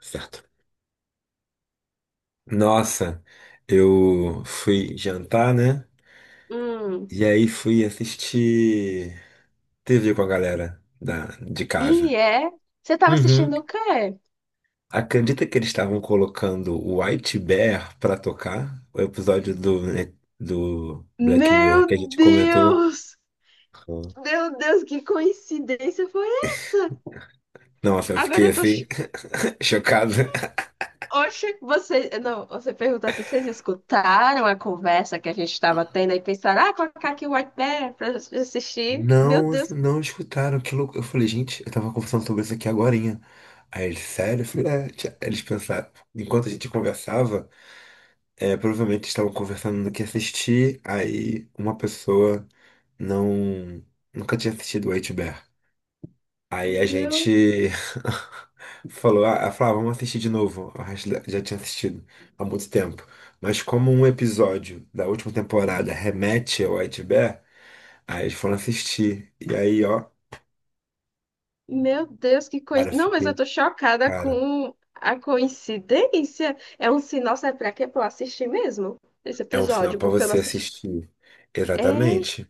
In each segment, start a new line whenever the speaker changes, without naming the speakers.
Certo. Nossa, eu fui jantar, né?
Hum,
E aí fui assistir TV com a galera de
e
casa.
é? Você tava
Uhum.
assistindo o quê?
Acredita que eles estavam colocando o White Bear pra tocar? O episódio do Black Mirror que a
Meu
gente comentou.
Deus!
Uhum.
Meu Deus, que coincidência foi essa?
Nossa, eu
Agora
fiquei
eu tô.
assim, chocado.
Oxe, você. Não, você perguntar se vocês escutaram a conversa que a gente estava tendo e pensaram, ah, colocar aqui o White Bear pra assistir. Meu
Não,
Deus,
não escutaram, que louco. Eu falei, gente, eu tava conversando sobre isso aqui agorinha. Aí eles, sério? Eu falei, é, tia, eles pensaram, enquanto a gente conversava. É, provavelmente estavam conversando do que assistir, aí uma pessoa não nunca tinha assistido o H-Bear. Aí a
meu,
gente falou, ah, ela falou, "Ah, vamos assistir de novo. O já tinha assistido há muito tempo. Mas como um episódio da última temporada remete ao White bear aí eles foram assistir. E aí, ó,
meu Deus, que
cara,
coincidência. Não, mas eu
fiquei,
tô chocada
cara,
com a coincidência. É um sinal, sabe pra quê? Pra eu assistir mesmo esse
é um sinal
episódio,
pra
porque eu não
você
assisti.
assistir.
É.
Exatamente.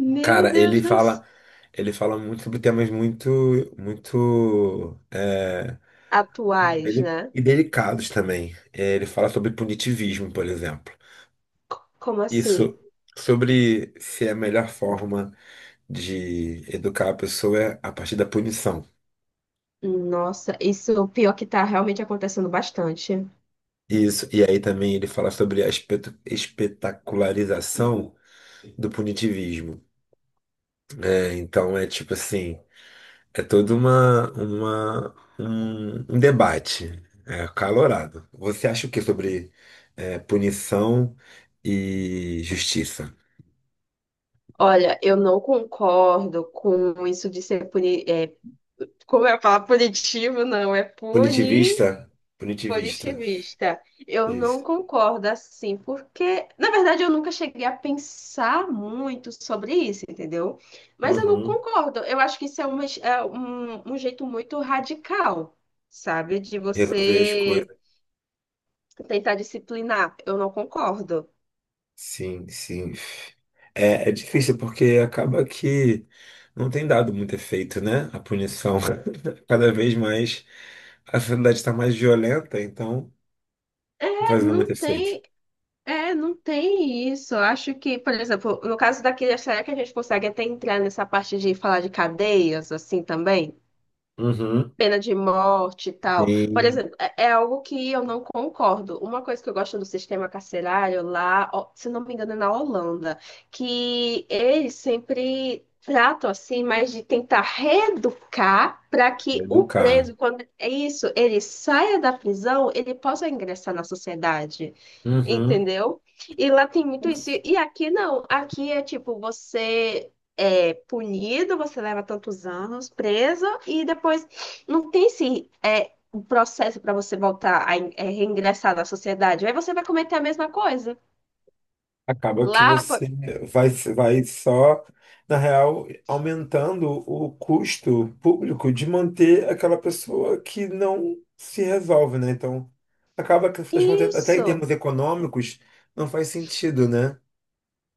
Meu
Cara,
Deus dos
ele fala muito sobre temas muito, muito
atuais,
deli-
né?
e delicados também. É, ele fala sobre punitivismo, por exemplo.
Como assim?
Isso, sobre se é a melhor forma de educar a pessoa é a partir da punição.
Nossa, isso é o pior que tá realmente acontecendo bastante.
Isso. E aí também ele fala sobre a espetacularização do punitivismo. É, então é tipo assim. É todo um debate é, acalorado. Você acha o que sobre é, punição e justiça?
Olha, eu não concordo com isso de ser puni... como eu falo, punitivo, não, é puni.
Punitivista? Punitivista.
Positivista. Eu não
Isso.
concordo assim, porque, na verdade, eu nunca cheguei a pensar muito sobre isso, entendeu? Mas eu não
Uhum.
concordo. Eu acho que isso é, uma, é um, um jeito muito radical, sabe? De
Resolver as
você
coisas.
tentar disciplinar. Eu não concordo.
Sim, sim. É, é difícil porque acaba que não tem dado muito efeito, né? A punição. Cada vez mais a sociedade está mais violenta, então não tá
É,
fazendo muito
não
efeito.
tem, é, não tem isso. Eu acho que, por exemplo, no caso daqui, será que a gente consegue até entrar nessa parte de falar de cadeias, assim, também?
Uhum.
Pena de morte e tal. Por
Sim,
exemplo, é algo que eu não concordo. Uma coisa que eu gosto do sistema carcerário lá, ó, se não me engano, é na Holanda, que eles sempre tratam assim, mas de tentar reeducar para que o
educar.
preso, quando é isso, ele saia da prisão, ele possa ingressar na sociedade.
Uhum.
Entendeu? E lá tem muito isso. E aqui não. Aqui é tipo, você é punido, você leva tantos anos preso, e depois não tem um processo para você voltar a reingressar na sociedade. Aí você vai cometer a mesma coisa.
Acaba que
Lá, pô,
você vai, vai só, na real, aumentando o custo público de manter aquela pessoa que não se resolve, né? Então, acaba que, afinal de contas, até em termos
isso.
econômicos, não faz sentido, né?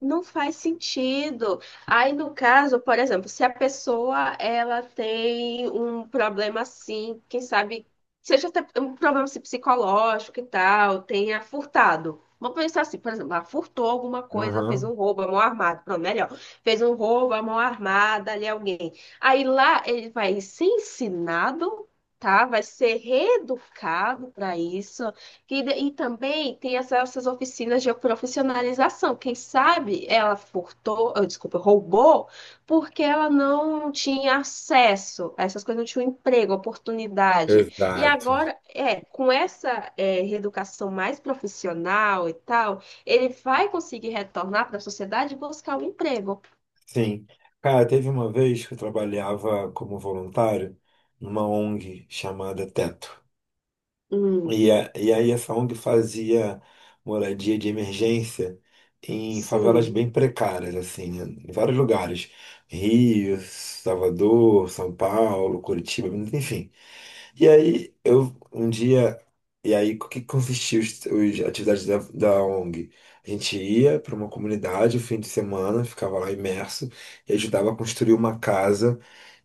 Não faz sentido. Aí, no caso, por exemplo, se a pessoa ela tem um problema assim, quem sabe, seja até um problema assim, psicológico e tal, tenha furtado. Vamos pensar assim, por exemplo, ela furtou alguma coisa, fez
Uhum.
um roubo à mão armada, pronto, melhor, fez um roubo à mão armada ali alguém. Aí lá ele vai ser ensinado, tá? Vai ser reeducado para isso. E, e também tem essas oficinas de profissionalização. Quem sabe ela furtou, ah, desculpa, roubou, porque ela não tinha acesso a essas coisas, não tinha um emprego, oportunidade. E
Exato.
agora, com essa, reeducação mais profissional e tal, ele vai conseguir retornar para a sociedade e buscar um emprego.
Sim. Cara, teve uma vez que eu trabalhava como voluntário numa ONG chamada Teto.
Hum,
E aí essa ONG fazia moradia de emergência em favelas
sim,
bem precárias, assim, né? Em vários lugares. Rio, Salvador, São Paulo, Curitiba, enfim. E aí, eu um dia. E aí, o que consistia os atividades da ONG? A gente ia para uma comunidade o fim de semana, ficava lá imerso e ajudava a construir uma casa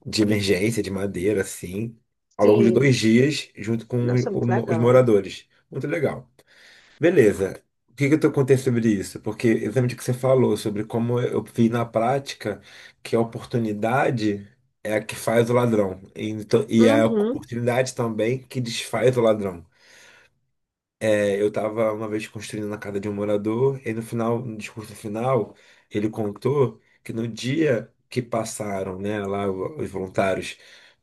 de emergência, de madeira, assim, ao longo de
sim.
2 dias, junto com
Nossa, muito
os
legal.
moradores. Muito legal. Beleza. O que que eu tô contando sobre isso? Porque exatamente o que você falou sobre como eu vi na prática que a oportunidade é a que faz o ladrão. Então, e é a
Uhum,
oportunidade também que desfaz o ladrão. É, eu estava uma vez construindo na casa de um morador, e no final, no discurso final, ele contou que no dia que passaram, né, lá os voluntários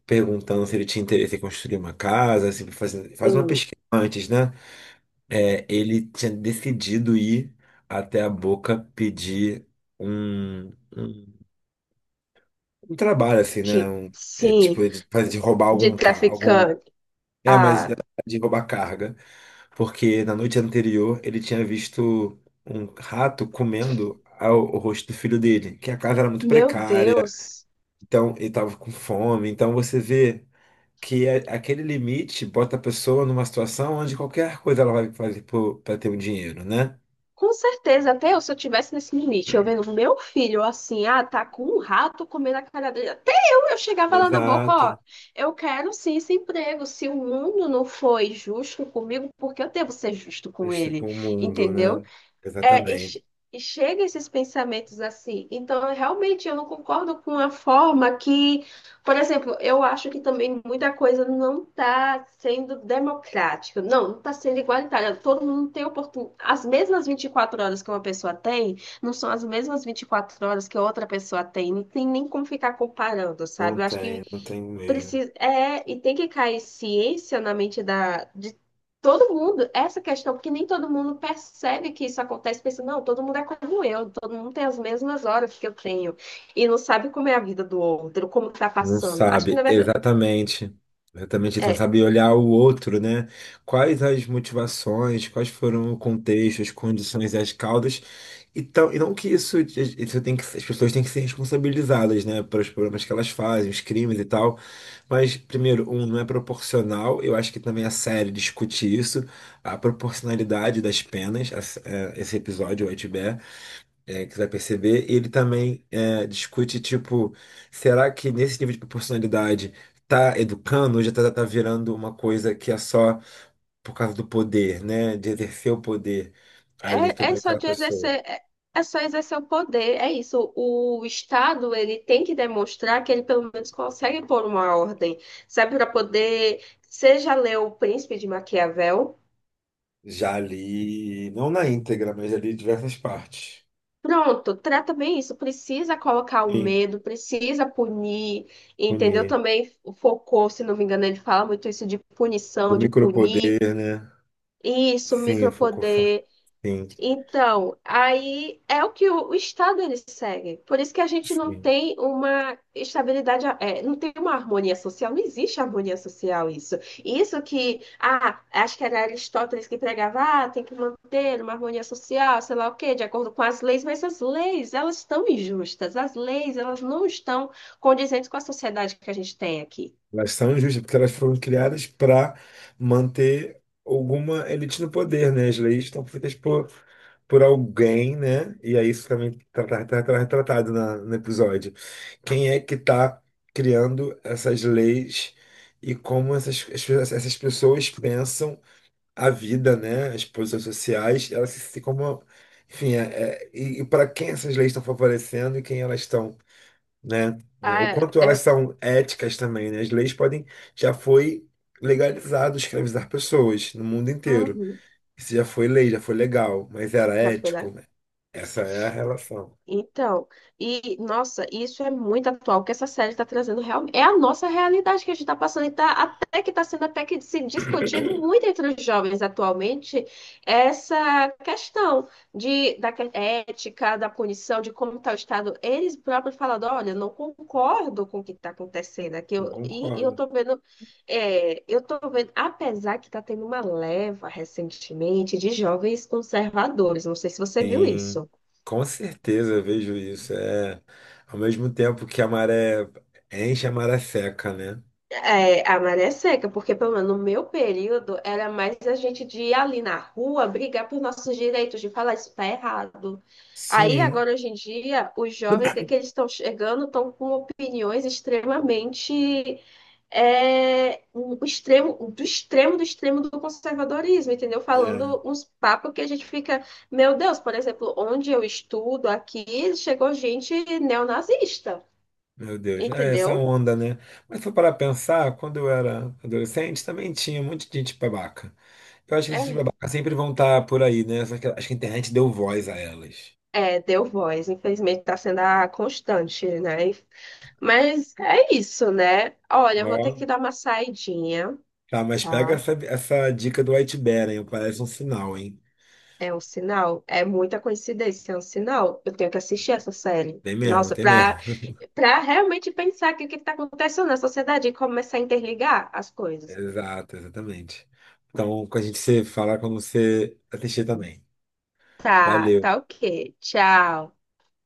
perguntando se ele tinha interesse em construir uma casa, se fazer, faz uma
sim.
pesquisa antes, né? É, ele tinha decidido ir até a Boca pedir um, um, um trabalho, assim, né? Um, é,
Sim,
tipo, de, de roubar
de
algum carro. Algum,
traficante.
é, mas
Ah.
de roubar carga. Porque na noite anterior ele tinha visto um rato comendo o rosto do filho dele, que a casa era muito
Meu
precária,
Deus,
então ele estava com fome. Então você vê que aquele limite bota a pessoa numa situação onde qualquer coisa ela vai fazer para ter um dinheiro, né?
com certeza, até eu, se eu tivesse nesse limite, eu vendo meu filho assim, ah, tá com um rato comendo a cara dele, até eu chegava lá na boca, ó,
Exato.
eu quero sim esse emprego, se o mundo não foi justo comigo, porque eu devo ser justo com
Este
ele,
com o mundo,
entendeu?
né?
É, e,
Exatamente.
che- e chega esses pensamentos assim. Então, realmente, eu não concordo com a forma que, por exemplo, eu acho que também muita coisa não está sendo democrática. Não, não está sendo igualitária. Todo mundo tem oportunidade. As mesmas 24 horas que uma pessoa tem, não são as mesmas 24 horas que outra pessoa tem. Não tem nem como ficar comparando,
Não
sabe? Eu acho que
tem, não tem mesmo.
precisa é e tem que cair ciência na mente da de todo mundo essa questão, porque nem todo mundo percebe que isso acontece. Pensa não, todo mundo é como eu, todo mundo tem as mesmas horas que eu tenho e não sabe como é a vida do outro, como tá
Não
passando. Acho que
sabe,
na verdade
exatamente. Exatamente, não
é
sabe olhar o outro, né? Quais as motivações, quais foram o contexto, as condições e as causas. Então, e não que isso tem que, as pessoas têm que ser responsabilizadas, né, pelos problemas que elas fazem, os crimes e tal. Mas, primeiro, um, não é proporcional. Eu acho que também a série discute isso, a proporcionalidade das penas. Esse episódio, o Itbear, é, que você vai perceber. Ele também é, discute, tipo, será que nesse nível de proporcionalidade tá educando ou já tá virando uma coisa que é só por causa do poder, né? De exercer o poder ali
é, é
sobre
só
aquela
de
pessoa.
exercer é, é só exercer o poder. É isso, o Estado ele tem que demonstrar que ele pelo menos consegue pôr uma ordem, sabe, para poder. Seja ler O Príncipe de Maquiavel.
Já ali, não na íntegra, mas ali em diversas partes.
Pronto, trata bem isso. Precisa colocar o
Sim,
medo, precisa punir, entendeu?
punir.
Também focou, se não me engano, ele fala muito isso de
Do
punição, de punir.
micropoder, né?
Isso,
Sim, o Foucault.
micropoder.
Sim,
Então, aí é o que o Estado ele segue. Por isso que a gente não
sim.
tem uma estabilidade, é, não tem uma harmonia social, não existe harmonia social isso. Isso que, ah, acho que era Aristóteles que pregava, ah, tem que manter uma harmonia social, sei lá o quê, de acordo com as leis, mas as leis, elas estão injustas, as leis, elas não estão condizentes com a sociedade que a gente tem aqui.
Elas são injustas, porque elas foram criadas para manter alguma elite no poder, né? As leis estão feitas por alguém, né? E aí isso também está retratado no episódio. Quem é que está criando essas leis e como essas pessoas pensam a vida, né? As posições sociais, elas se como. Enfim, é, e para quem essas leis estão favorecendo e quem elas estão, né? O
Ah,
quanto elas
é,
são éticas também, né? As leis podem, já foi legalizado escravizar pessoas no mundo inteiro.
uhum,
Isso já foi lei, já foi legal, mas era
já foi lá.
ético? Essa é a relação.
Então, e nossa, isso é muito atual, o que essa série está trazendo realmente é a nossa realidade que a gente está passando, e tá, até que está sendo até que se discutido muito entre os jovens atualmente essa questão de, ética, da punição, de como está o Estado. Eles próprios falando, olha, eu não concordo com o que está acontecendo aqui,
Não
eu, e eu
concordo.
estou vendo, eu tô vendo, apesar que está tendo uma leva recentemente de jovens conservadores, não sei se você viu
Sim,
isso.
com certeza eu vejo isso. É, ao mesmo tempo que a maré enche, a maré seca, né?
É, a maré é seca, porque pelo menos no meu período era mais a gente de ir ali na rua brigar por nossos direitos, de falar isso tá errado. Aí
Sim,
agora hoje em dia, os jovens, o que é que eles estão chegando, estão com opiniões extremamente um o extremo, do extremo do extremo do conservadorismo, entendeu?
é.
Falando uns papos que a gente fica, meu Deus, por exemplo, onde eu estudo aqui, chegou gente neonazista,
Meu Deus, é essa
entendeu?
onda, né? Mas se for para pensar, quando eu era adolescente, também tinha um monte de gente babaca. Eu acho que essas
É.
babacas sempre vão estar por aí, né? Só que acho que a internet deu voz a elas.
É, deu voz, infelizmente está sendo a constante, né? Mas é isso, né? Olha, eu vou ter
Ó,
que dar uma saidinha,
tá, mas pega
tá?
essa dica do White Bear, hein? Parece um sinal, hein?
É um sinal, é muita coincidência, é um sinal. Eu tenho que assistir essa série.
Tem mesmo,
Nossa,
tem mesmo.
pra realmente pensar que o que tá acontecendo na sociedade e começar a interligar as coisas.
Exato, exatamente. Então, com a gente se fala quando você assistir também.
Tá,
Valeu.
tá ok. Tchau.